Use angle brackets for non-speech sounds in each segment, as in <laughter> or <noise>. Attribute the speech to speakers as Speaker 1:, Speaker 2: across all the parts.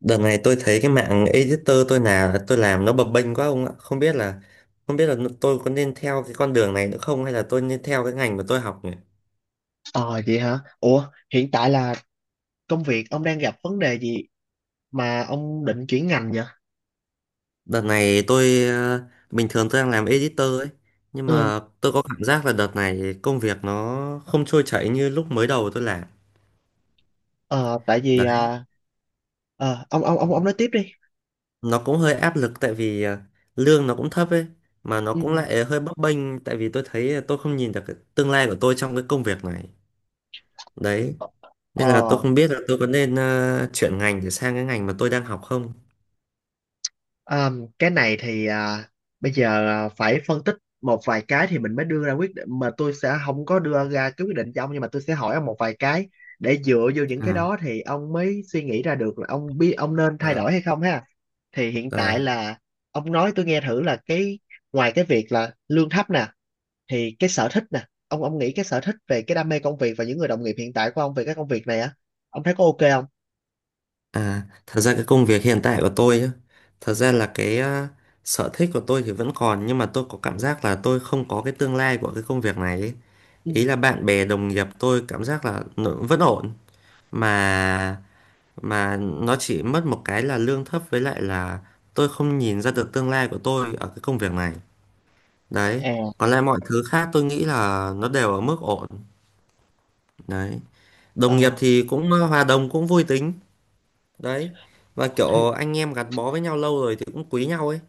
Speaker 1: Đợt này tôi thấy cái mạng editor tôi nào tôi làm nó bập bênh quá ông ạ. Không biết là tôi có nên theo cái con đường này nữa không, hay là tôi nên theo cái ngành mà tôi học nhỉ?
Speaker 2: Ờ vậy hả? Ủa, hiện tại là công việc ông đang gặp vấn đề gì mà ông định chuyển ngành vậy?
Speaker 1: Đợt này tôi, bình thường tôi đang làm editor ấy, nhưng
Speaker 2: Ừ,
Speaker 1: mà tôi có cảm giác là đợt này công việc nó không trôi chảy như lúc mới đầu tôi làm.
Speaker 2: ờ, tại vì
Speaker 1: Đấy,
Speaker 2: ông nói tiếp đi.
Speaker 1: nó cũng hơi áp lực tại vì lương nó cũng thấp ấy, mà nó
Speaker 2: Ừ.
Speaker 1: cũng lại hơi bấp bênh tại vì tôi thấy tôi không nhìn được cái tương lai của tôi trong cái công việc này. Đấy, nên là tôi
Speaker 2: Ờ,
Speaker 1: không biết là tôi có nên chuyển ngành để sang cái ngành mà tôi đang học không.
Speaker 2: à, cái này thì bây giờ phải phân tích một vài cái thì mình mới đưa ra quyết định, mà tôi sẽ không có đưa ra cái quyết định cho ông, nhưng mà tôi sẽ hỏi ông một vài cái để dựa vô những cái
Speaker 1: À.
Speaker 2: đó thì ông mới suy nghĩ ra được là ông biết ông nên thay
Speaker 1: Ờ.
Speaker 2: đổi hay không ha. Thì hiện tại
Speaker 1: ờ,
Speaker 2: là ông nói tôi nghe thử là cái ngoài cái việc là lương thấp nè, thì cái sở thích nè, ông nghĩ cái sở thích về cái đam mê công việc và những người đồng nghiệp hiện tại của ông về cái công việc này á, ông thấy có ok không?
Speaker 1: À, thật ra cái công việc hiện tại của tôi á, thật ra là cái sở thích của tôi thì vẫn còn, nhưng mà tôi có cảm giác là tôi không có cái tương lai của cái công việc này ấy.
Speaker 2: Ừ.
Speaker 1: Ý là bạn bè đồng nghiệp tôi cảm giác là nó vẫn ổn, mà mà nó chỉ mất một cái là lương thấp, với lại là tôi không nhìn ra được tương lai của tôi ở cái công việc này. Đấy,
Speaker 2: à
Speaker 1: còn lại mọi thứ khác tôi nghĩ là nó đều ở mức ổn. Đấy. Đồng nghiệp
Speaker 2: Ờ,
Speaker 1: thì cũng hòa đồng, cũng vui tính đấy, và
Speaker 2: thì-
Speaker 1: kiểu anh em gắn bó với nhau lâu rồi thì cũng quý nhau ấy.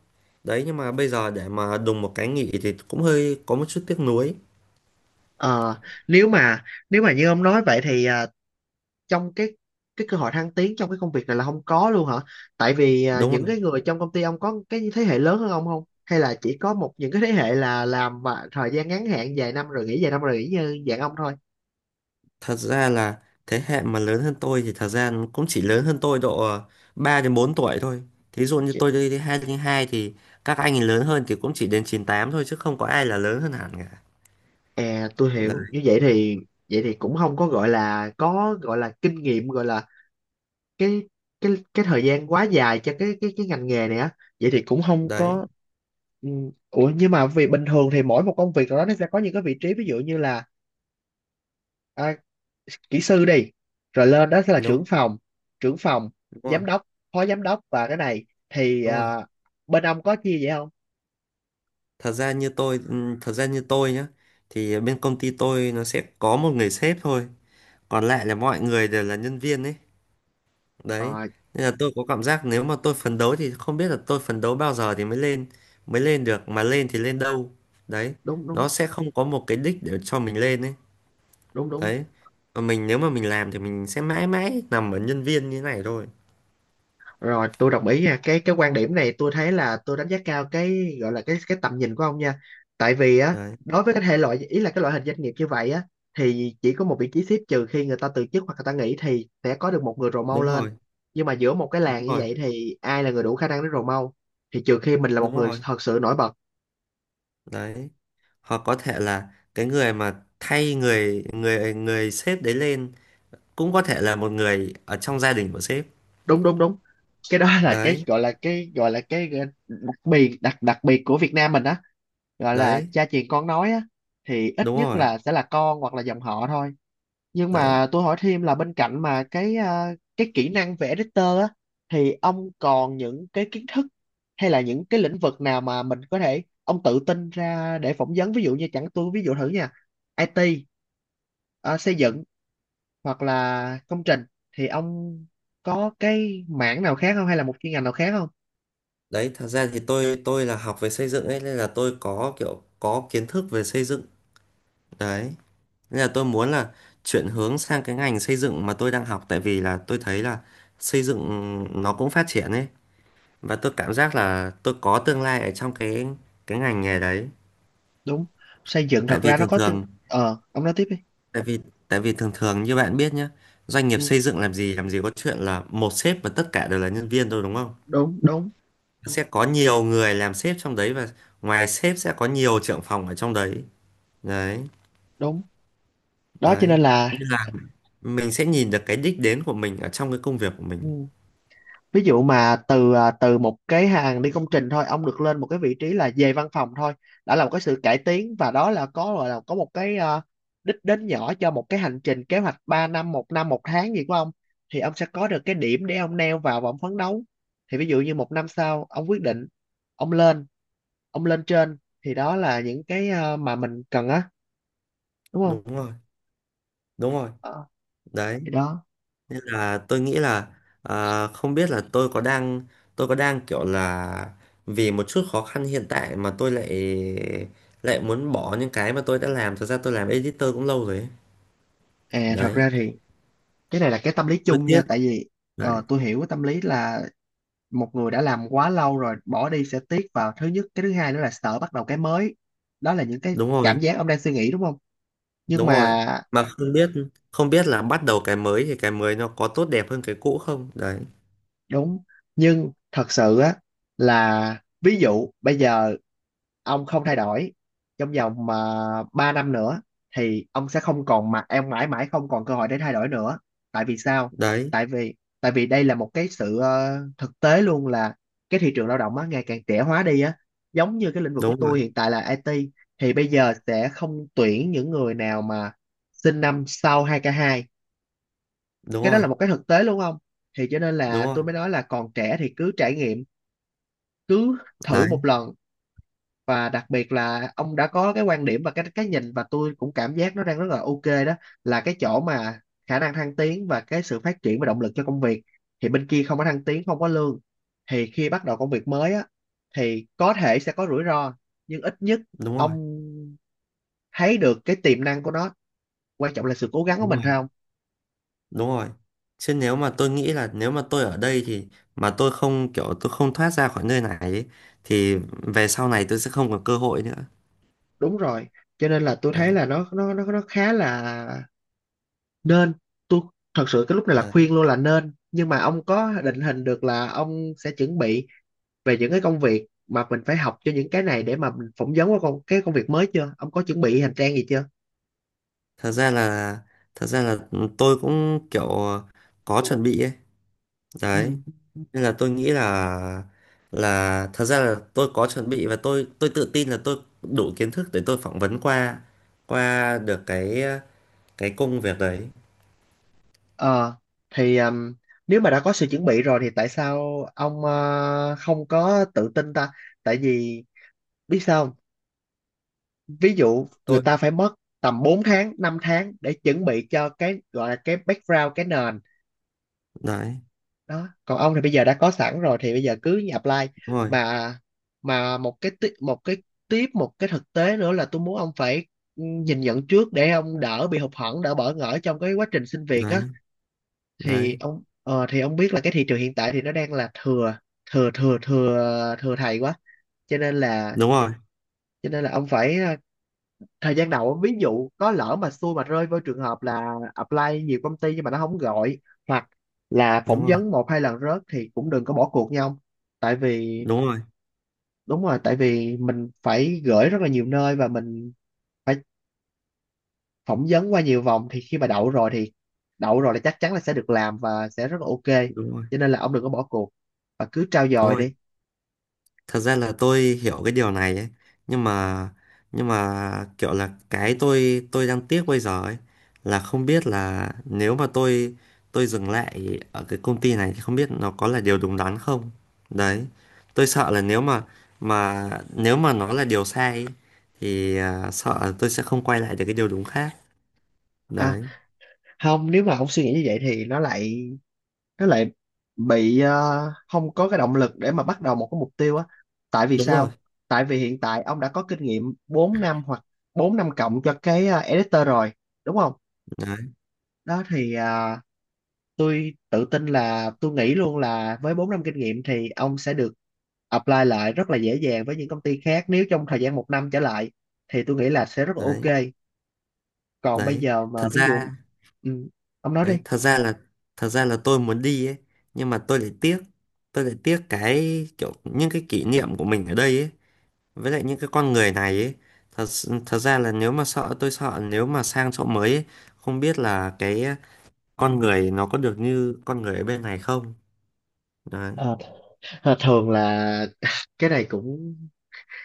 Speaker 1: Đấy, nhưng mà bây giờ để mà đùng một cái nghỉ thì cũng hơi có một chút tiếc nuối.
Speaker 2: ờ, Nếu mà như ông nói vậy thì trong cái cơ hội thăng tiến trong cái công việc này là không có luôn hả? Tại vì
Speaker 1: Đúng
Speaker 2: những
Speaker 1: rồi,
Speaker 2: cái người trong công ty ông có cái thế hệ lớn hơn ông không? Hay là chỉ có một những cái thế hệ là làm mà thời gian ngắn hạn vài năm rồi nghỉ, vài năm rồi nghỉ như dạng ông thôi?
Speaker 1: thật ra là thế hệ mà lớn hơn tôi thì thật ra nó cũng chỉ lớn hơn tôi độ 3 đến 4 tuổi thôi. Thí dụ như
Speaker 2: Chị-
Speaker 1: tôi đi 2 đến 2 thì các anh ấy lớn hơn thì cũng chỉ đến 98 thôi, chứ không có ai là lớn hơn hẳn cả.
Speaker 2: À, tôi
Speaker 1: Đấy,
Speaker 2: hiểu. Như vậy thì cũng không có gọi là, có gọi là kinh nghiệm, gọi là cái thời gian quá dài cho cái ngành nghề này á, vậy thì cũng không
Speaker 1: đấy.
Speaker 2: có. ừ, Ủa nhưng mà vì bình thường thì mỗi một công việc nào đó nó sẽ có những cái vị trí, ví dụ như là à, kỹ sư đi, rồi lên đó sẽ là
Speaker 1: Đúng.
Speaker 2: trưởng phòng, trưởng phòng
Speaker 1: Đúng rồi.
Speaker 2: giám đốc, phó giám đốc, và cái này thì
Speaker 1: Đúng rồi.
Speaker 2: bên ông có chia vậy không?
Speaker 1: Thật ra như tôi, thật ra như tôi nhá, thì bên công ty tôi nó sẽ có một người sếp thôi, còn lại là mọi người đều là nhân viên ấy. Đấy,
Speaker 2: Ờ
Speaker 1: nên là tôi có cảm giác nếu mà tôi phấn đấu thì không biết là tôi phấn đấu bao giờ thì mới lên, mới lên được, mà lên thì lên đâu. Đấy,
Speaker 2: đúng
Speaker 1: nó
Speaker 2: đúng
Speaker 1: sẽ không có một cái đích để cho mình lên ấy.
Speaker 2: đúng đúng
Speaker 1: Đấy, còn mình nếu mà mình làm thì mình sẽ mãi mãi nằm ở nhân viên như này thôi.
Speaker 2: Rồi, tôi đồng ý nha. Cái quan điểm này tôi thấy là tôi đánh giá cao cái gọi là cái tầm nhìn của ông nha. Tại vì á,
Speaker 1: Đấy.
Speaker 2: đối với cái thể loại, ý là cái loại hình doanh nghiệp như vậy á, thì chỉ có một vị trí sếp, trừ khi người ta từ chức hoặc người ta nghỉ thì sẽ có được một người rồ mau
Speaker 1: Đúng
Speaker 2: lên.
Speaker 1: rồi.
Speaker 2: Nhưng mà giữa một cái
Speaker 1: Đúng
Speaker 2: làng như
Speaker 1: rồi.
Speaker 2: vậy thì ai là người đủ khả năng để rồ mau? Thì trừ khi mình là một
Speaker 1: Đúng
Speaker 2: người
Speaker 1: rồi.
Speaker 2: thật sự nổi bật.
Speaker 1: Đấy, hoặc có thể là cái người mà thay người người người sếp đấy lên cũng có thể là một người ở trong gia đình của sếp.
Speaker 2: Đúng đúng đúng. Cái đó là cái
Speaker 1: Đấy.
Speaker 2: gọi là, cái gọi là cái đặc biệt, đặc đặc biệt của Việt Nam mình á, gọi là
Speaker 1: Đấy.
Speaker 2: cha truyền con nói á, thì ít
Speaker 1: Đúng
Speaker 2: nhất
Speaker 1: rồi.
Speaker 2: là sẽ là con hoặc là dòng họ thôi. Nhưng
Speaker 1: Đấy.
Speaker 2: mà tôi hỏi thêm là bên cạnh mà cái cái kỹ năng vẽ vector á, thì ông còn những cái kiến thức hay là những cái lĩnh vực nào mà mình có thể ông tự tin ra để phỏng vấn, ví dụ như chẳng tôi ví dụ thử nha: IT, xây dựng, hoặc là công trình, thì ông có cái mảng nào khác không, hay là một chuyên ngành nào khác không?
Speaker 1: Đấy thật ra thì tôi là học về xây dựng ấy, nên là tôi có kiểu có kiến thức về xây dựng. Đấy, nên là tôi muốn là chuyển hướng sang cái ngành xây dựng mà tôi đang học, tại vì là tôi thấy là xây dựng nó cũng phát triển ấy, và tôi cảm giác là tôi có tương lai ở trong cái ngành nghề đấy.
Speaker 2: Đúng, xây dựng
Speaker 1: Tại
Speaker 2: thật
Speaker 1: vì
Speaker 2: ra nó
Speaker 1: thường
Speaker 2: có tương-
Speaker 1: thường,
Speaker 2: ông nói tiếp đi.
Speaker 1: tại vì tại vì thường thường như bạn biết nhé, doanh nghiệp
Speaker 2: Ừ,
Speaker 1: xây dựng làm gì, làm gì có chuyện là một sếp và tất cả đều là nhân viên thôi, đúng không.
Speaker 2: đúng, đúng,
Speaker 1: Sẽ có nhiều người làm sếp trong đấy, và ngoài sếp sẽ có nhiều trưởng phòng ở trong đấy. Đấy.
Speaker 2: đúng. Đó cho
Speaker 1: Đấy,
Speaker 2: nên
Speaker 1: như
Speaker 2: là
Speaker 1: là mình sẽ nhìn được cái đích đến của mình ở trong cái công việc của mình.
Speaker 2: ừ, ví dụ mà từ từ một cái hàng đi công trình thôi ông được lên một cái vị trí là về văn phòng thôi, đã là một cái sự cải tiến, và đó là có gọi là có một cái đích đến nhỏ cho một cái hành trình kế hoạch 3 năm 1 năm 1 tháng gì của ông, thì ông sẽ có được cái điểm để ông neo vào và ông phấn đấu. Thì ví dụ như một năm sau ông quyết định ông lên, ông lên trên, thì đó là những cái mà mình cần á, đúng không?
Speaker 1: Đúng rồi. Đúng rồi.
Speaker 2: Ờ,
Speaker 1: Đấy,
Speaker 2: thì đó
Speaker 1: là tôi nghĩ là, à, không biết là tôi có đang, tôi có đang kiểu là vì một chút khó khăn hiện tại mà tôi lại, lại muốn bỏ những cái mà tôi đã làm. Thật ra tôi làm editor cũng lâu rồi ấy.
Speaker 2: Thật
Speaker 1: Đấy,
Speaker 2: ra thì cái này là cái tâm lý
Speaker 1: tôi
Speaker 2: chung
Speaker 1: tiếc.
Speaker 2: nha. Tại vì
Speaker 1: Đấy.
Speaker 2: tôi hiểu cái tâm lý là một người đã làm quá lâu rồi bỏ đi sẽ tiếc vào thứ nhất, cái thứ hai nữa là sợ bắt đầu cái mới. Đó là những cái
Speaker 1: Đúng
Speaker 2: cảm
Speaker 1: rồi.
Speaker 2: giác ông đang suy nghĩ, đúng không? Nhưng
Speaker 1: Đúng rồi,
Speaker 2: mà
Speaker 1: mà không biết, không biết là bắt đầu cái mới thì cái mới nó có tốt đẹp hơn cái cũ không đấy.
Speaker 2: đúng, nhưng thật sự á, là ví dụ bây giờ ông không thay đổi trong vòng mà 3 năm nữa, thì ông sẽ không còn, mà em mãi mãi không còn cơ hội để thay đổi nữa. Tại vì sao?
Speaker 1: Đấy.
Speaker 2: Tại vì đây là một cái sự thực tế luôn, là cái thị trường lao động á ngày càng trẻ hóa đi á. Giống như cái lĩnh vực của
Speaker 1: Đúng rồi.
Speaker 2: tôi hiện tại là IT, thì bây giờ sẽ không tuyển những người nào mà sinh năm sau 2k2.
Speaker 1: Đúng
Speaker 2: Cái đó
Speaker 1: rồi.
Speaker 2: là một cái thực tế luôn không, thì cho nên là
Speaker 1: Đúng rồi.
Speaker 2: tôi mới nói là còn trẻ thì cứ trải nghiệm, cứ thử
Speaker 1: Đấy.
Speaker 2: một lần. Và đặc biệt là ông đã có cái quan điểm và cái nhìn, và tôi cũng cảm giác nó đang rất là ok đó, là cái chỗ mà khả năng thăng tiến và cái sự phát triển và động lực cho công việc, thì bên kia không có thăng tiến, không có lương. Thì khi bắt đầu công việc mới á, thì có thể sẽ có rủi ro, nhưng ít nhất
Speaker 1: Đúng rồi.
Speaker 2: ông thấy được cái tiềm năng của nó, quan trọng là sự cố gắng của
Speaker 1: Đúng
Speaker 2: mình,
Speaker 1: rồi.
Speaker 2: phải không?
Speaker 1: Đúng rồi. Chứ nếu mà tôi nghĩ là nếu mà tôi ở đây thì mà tôi không kiểu, tôi không thoát ra khỏi nơi này ấy, thì về sau này tôi sẽ không còn cơ hội nữa.
Speaker 2: Đúng rồi, cho nên là tôi thấy
Speaker 1: Đấy,
Speaker 2: là nó khá là nên. Tôi thật sự cái lúc này là
Speaker 1: đấy.
Speaker 2: khuyên luôn là nên, nhưng mà ông có định hình được là ông sẽ chuẩn bị về những cái công việc mà mình phải học cho những cái này để mà mình phỏng vấn qua con cái công việc mới chưa? Ông có chuẩn bị hành trang gì chưa?
Speaker 1: Thật ra là, thật ra là tôi cũng kiểu có chuẩn bị ấy. Đấy,
Speaker 2: Ừ.
Speaker 1: nên là tôi nghĩ là thật ra là tôi có chuẩn bị và tôi tự tin là tôi đủ kiến thức để tôi phỏng vấn qua, qua được cái công việc đấy.
Speaker 2: ờ thì Nếu mà đã có sự chuẩn bị rồi thì tại sao ông không có tự tin ta? Tại vì biết sao không? Ví dụ người
Speaker 1: Tôi.
Speaker 2: ta phải mất tầm 4 tháng 5 tháng để chuẩn bị cho cái gọi là cái background cái nền
Speaker 1: Đấy,
Speaker 2: đó, còn ông thì bây giờ đã có sẵn rồi thì bây giờ cứ apply.
Speaker 1: đúng rồi.
Speaker 2: Mà mà một cái một cái tiếp, một cái thực tế nữa là tôi muốn ông phải nhìn nhận trước để ông đỡ bị hụt hẫng, đỡ bỡ ngỡ trong cái quá trình xin việc á.
Speaker 1: Đấy, đấy.
Speaker 2: Thì ông biết là cái thị trường hiện tại thì nó đang là thừa, thừa thừa thừa thừa thầy quá, cho nên là
Speaker 1: Đúng rồi,
Speaker 2: ông phải thời gian đầu ví dụ có lỡ mà xui mà rơi vô trường hợp là apply nhiều công ty nhưng mà nó không gọi, hoặc là phỏng
Speaker 1: đúng rồi.
Speaker 2: vấn một hai lần rớt, thì cũng đừng có bỏ cuộc nha ông. Tại vì
Speaker 1: Đúng rồi.
Speaker 2: đúng rồi, tại vì mình phải gửi rất là nhiều nơi và mình phải phỏng vấn qua nhiều vòng, thì khi mà đậu rồi thì đậu rồi là chắc chắn là sẽ được làm và sẽ rất là ok.
Speaker 1: Đúng rồi.
Speaker 2: Cho nên là ông đừng có bỏ cuộc và cứ trau
Speaker 1: Đúng
Speaker 2: dồi
Speaker 1: rồi,
Speaker 2: đi.
Speaker 1: thật ra là tôi hiểu cái điều này ấy, nhưng mà, nhưng mà kiểu là cái tôi đang tiếc bây giờ ấy, là không biết là nếu mà tôi dừng lại ở cái công ty này thì không biết nó có là điều đúng đắn không. Đấy, tôi sợ là nếu mà nếu mà nó là điều sai ấy, thì sợ là tôi sẽ không quay lại được cái điều đúng khác.
Speaker 2: À
Speaker 1: Đấy.
Speaker 2: không, nếu mà ông suy nghĩ như vậy thì nó lại bị không có cái động lực để mà bắt đầu một cái mục tiêu á. Tại vì
Speaker 1: Đúng rồi.
Speaker 2: sao? Tại vì hiện tại ông đã có kinh nghiệm 4 năm hoặc 4 năm cộng cho cái editor rồi, đúng không?
Speaker 1: Đấy.
Speaker 2: Đó thì tôi tự tin là tôi nghĩ luôn là với 4 năm kinh nghiệm thì ông sẽ được apply lại rất là dễ dàng với những công ty khác nếu trong thời gian một năm trở lại, thì tôi nghĩ là sẽ rất là
Speaker 1: Đấy.
Speaker 2: ok. Còn bây
Speaker 1: Đấy
Speaker 2: giờ
Speaker 1: thật
Speaker 2: mà ví dụ
Speaker 1: ra,
Speaker 2: ừ, ông nói đi.
Speaker 1: đấy thật ra là, thật ra là tôi muốn đi ấy, nhưng mà tôi lại tiếc, tôi lại tiếc cái kiểu những cái kỷ niệm của mình ở đây ấy, với lại những cái con người này ấy. Thật ra là nếu mà sợ, tôi sợ nếu mà sang chỗ mới ấy, không biết là cái con người nó có được như con người ở bên này không. Đấy.
Speaker 2: Ờ, thường là <laughs> cái này cũng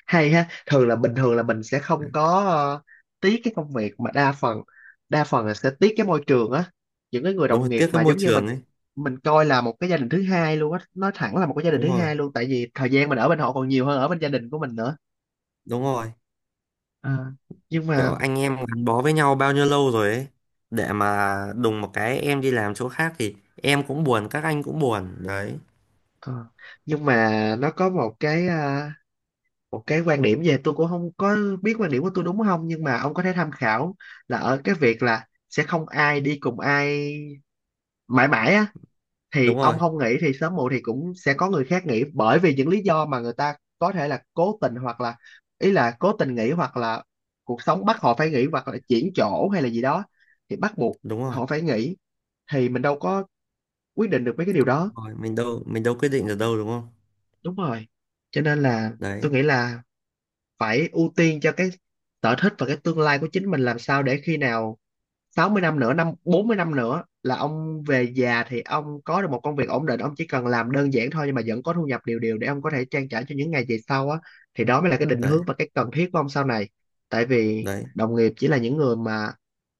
Speaker 2: hay ha, thường là bình thường là mình sẽ không có tiếc cái công việc mà đa phần, đa phần là sẽ tiếc cái môi trường á, những cái người
Speaker 1: Đúng
Speaker 2: đồng
Speaker 1: rồi,
Speaker 2: nghiệp
Speaker 1: tiếc cái
Speaker 2: mà
Speaker 1: môi
Speaker 2: giống như mình
Speaker 1: trường ấy.
Speaker 2: mình coi là một cái gia đình thứ hai luôn á. Nói thẳng là một cái gia đình
Speaker 1: Đúng
Speaker 2: thứ
Speaker 1: rồi.
Speaker 2: hai luôn, tại vì thời gian mình ở bên họ còn nhiều hơn ở bên gia đình của mình nữa.
Speaker 1: Đúng rồi.
Speaker 2: Ờ, nhưng
Speaker 1: Kiểu
Speaker 2: mà
Speaker 1: anh em gắn bó với nhau bao nhiêu lâu rồi ấy, để mà đùng một cái em đi làm chỗ khác thì em cũng buồn, các anh cũng buồn đấy.
Speaker 2: ờ, nhưng mà nó có một cái một cái quan điểm, về tôi cũng không có biết quan điểm của tôi đúng không, nhưng mà ông có thể tham khảo, là ở cái việc là sẽ không ai đi cùng ai mãi mãi á.
Speaker 1: Đúng
Speaker 2: Thì
Speaker 1: rồi.
Speaker 2: ông không nghỉ thì sớm muộn thì cũng sẽ có người khác nghỉ, bởi vì những lý do mà người ta có thể là cố tình hoặc là, ý là cố tình nghỉ hoặc là cuộc sống bắt họ phải nghỉ hoặc là chuyển chỗ hay là gì đó thì bắt buộc
Speaker 1: Đúng rồi.
Speaker 2: họ phải nghỉ, thì mình đâu có quyết định được mấy cái điều đó.
Speaker 1: Rồi mình đâu quyết định được đâu, đúng không.
Speaker 2: Đúng rồi, cho nên là tôi
Speaker 1: Đấy.
Speaker 2: nghĩ là phải ưu tiên cho cái sở thích và cái tương lai của chính mình, làm sao để khi nào 60 năm nữa, năm 40 năm nữa là ông về già thì ông có được một công việc ổn định, ông chỉ cần làm đơn giản thôi nhưng mà vẫn có thu nhập đều đều để ông có thể trang trải cho những ngày về sau á. Thì đó mới là cái định
Speaker 1: Đấy.
Speaker 2: hướng và cái cần thiết của ông sau này. Tại vì
Speaker 1: Đấy.
Speaker 2: đồng nghiệp chỉ là những người mà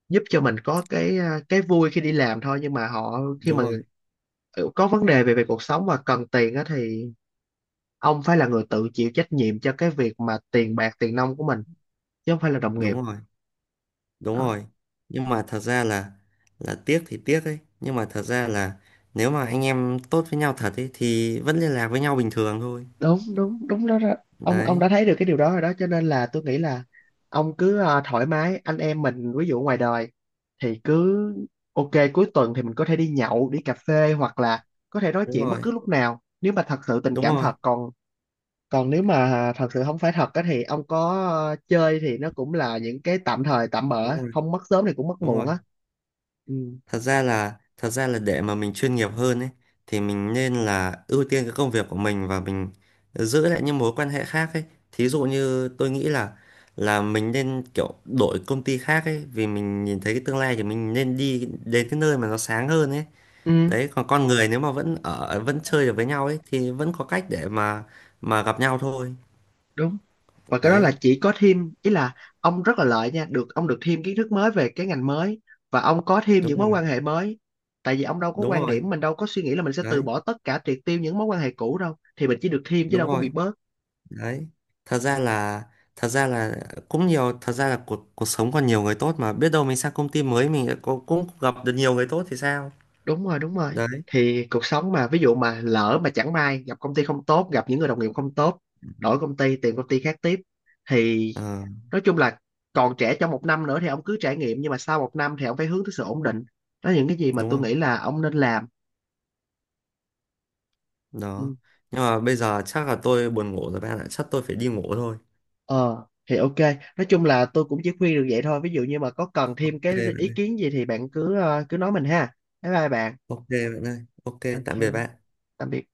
Speaker 2: giúp cho mình có cái cái vui khi đi làm thôi, nhưng mà họ khi
Speaker 1: Đúng
Speaker 2: mà
Speaker 1: rồi.
Speaker 2: có vấn đề về về cuộc sống và cần tiền á, thì ông phải là người tự chịu trách nhiệm cho cái việc mà tiền bạc tiền nong của mình, chứ không phải là đồng nghiệp.
Speaker 1: Đúng rồi. Đúng rồi, nhưng mà thật ra là tiếc thì tiếc ấy, nhưng mà thật ra là nếu mà anh em tốt với nhau thật ấy thì vẫn liên lạc với nhau bình thường thôi.
Speaker 2: Đúng đúng đúng, đó, đó. Ông
Speaker 1: Đấy.
Speaker 2: đã thấy được cái điều đó rồi đó, cho nên là tôi nghĩ là ông cứ thoải mái. Anh em mình ví dụ ngoài đời thì cứ ok, cuối tuần thì mình có thể đi nhậu đi cà phê, hoặc là có thể nói
Speaker 1: Đúng
Speaker 2: chuyện bất
Speaker 1: rồi.
Speaker 2: cứ lúc nào nếu mà thật sự tình
Speaker 1: Đúng
Speaker 2: cảm
Speaker 1: rồi.
Speaker 2: thật còn. Còn nếu mà thật sự không phải thật á thì ông có chơi thì nó cũng là những cái tạm thời tạm
Speaker 1: Đúng
Speaker 2: bỡ,
Speaker 1: rồi.
Speaker 2: không mất sớm thì cũng mất
Speaker 1: Đúng
Speaker 2: muộn
Speaker 1: rồi.
Speaker 2: á. Ừ.
Speaker 1: Thật ra là, thật ra là để mà mình chuyên nghiệp hơn ấy, thì mình nên là ưu tiên cái công việc của mình và mình giữ lại những mối quan hệ khác ấy. Thí dụ như tôi nghĩ là mình nên kiểu đổi công ty khác ấy, vì mình nhìn thấy cái tương lai thì mình nên đi đến cái nơi mà nó sáng hơn ấy.
Speaker 2: Ừ.
Speaker 1: Đấy, còn con người nếu mà vẫn ở, vẫn chơi được với nhau ấy thì vẫn có cách để mà gặp nhau thôi.
Speaker 2: Đúng. Và cái đó
Speaker 1: Đấy.
Speaker 2: là chỉ có thêm, ý là ông rất là lợi nha, được ông được thêm kiến thức mới về cái ngành mới, và ông có thêm
Speaker 1: Đúng
Speaker 2: những mối
Speaker 1: rồi.
Speaker 2: quan hệ mới. Tại vì ông đâu có
Speaker 1: Đúng
Speaker 2: quan
Speaker 1: rồi.
Speaker 2: điểm, mình đâu có suy nghĩ là mình sẽ từ
Speaker 1: Đấy.
Speaker 2: bỏ tất cả, triệt tiêu những mối quan hệ cũ đâu, thì mình chỉ được thêm chứ
Speaker 1: Đúng
Speaker 2: đâu có
Speaker 1: rồi.
Speaker 2: bị bớt.
Speaker 1: Đấy. Thật ra là, thật ra là cũng nhiều. Thật ra là cuộc, cuộc sống còn nhiều người tốt, mà biết đâu mình sang công ty mới mình lại cũng gặp được nhiều người tốt thì sao.
Speaker 2: Đúng rồi, đúng rồi.
Speaker 1: Đấy.
Speaker 2: Thì cuộc sống mà ví dụ mà lỡ mà chẳng may gặp công ty không tốt, gặp những người đồng nghiệp không tốt, đổi công ty, tìm công ty khác tiếp. Thì
Speaker 1: Ờ.
Speaker 2: nói chung là còn trẻ trong một năm nữa thì ông cứ trải nghiệm, nhưng mà sau một năm thì ông phải hướng tới sự ổn định. Đó là những cái gì mà
Speaker 1: Đúng
Speaker 2: tôi
Speaker 1: rồi
Speaker 2: nghĩ là ông nên làm.
Speaker 1: đó.
Speaker 2: Ừ.
Speaker 1: Nhưng mà bây giờ chắc là tôi buồn ngủ rồi bạn ạ, chắc tôi phải đi ngủ thôi.
Speaker 2: Ờ thì ok, nói chung là tôi cũng chỉ khuyên được vậy thôi. Ví dụ như mà có cần thêm
Speaker 1: Ok
Speaker 2: cái
Speaker 1: bạn
Speaker 2: ý
Speaker 1: ơi.
Speaker 2: kiến gì thì bạn cứ cứ nói mình ha. Bye bye bạn.
Speaker 1: Ok bạn ơi, ok.
Speaker 2: Ok,
Speaker 1: Tạm biệt bạn.
Speaker 2: tạm biệt.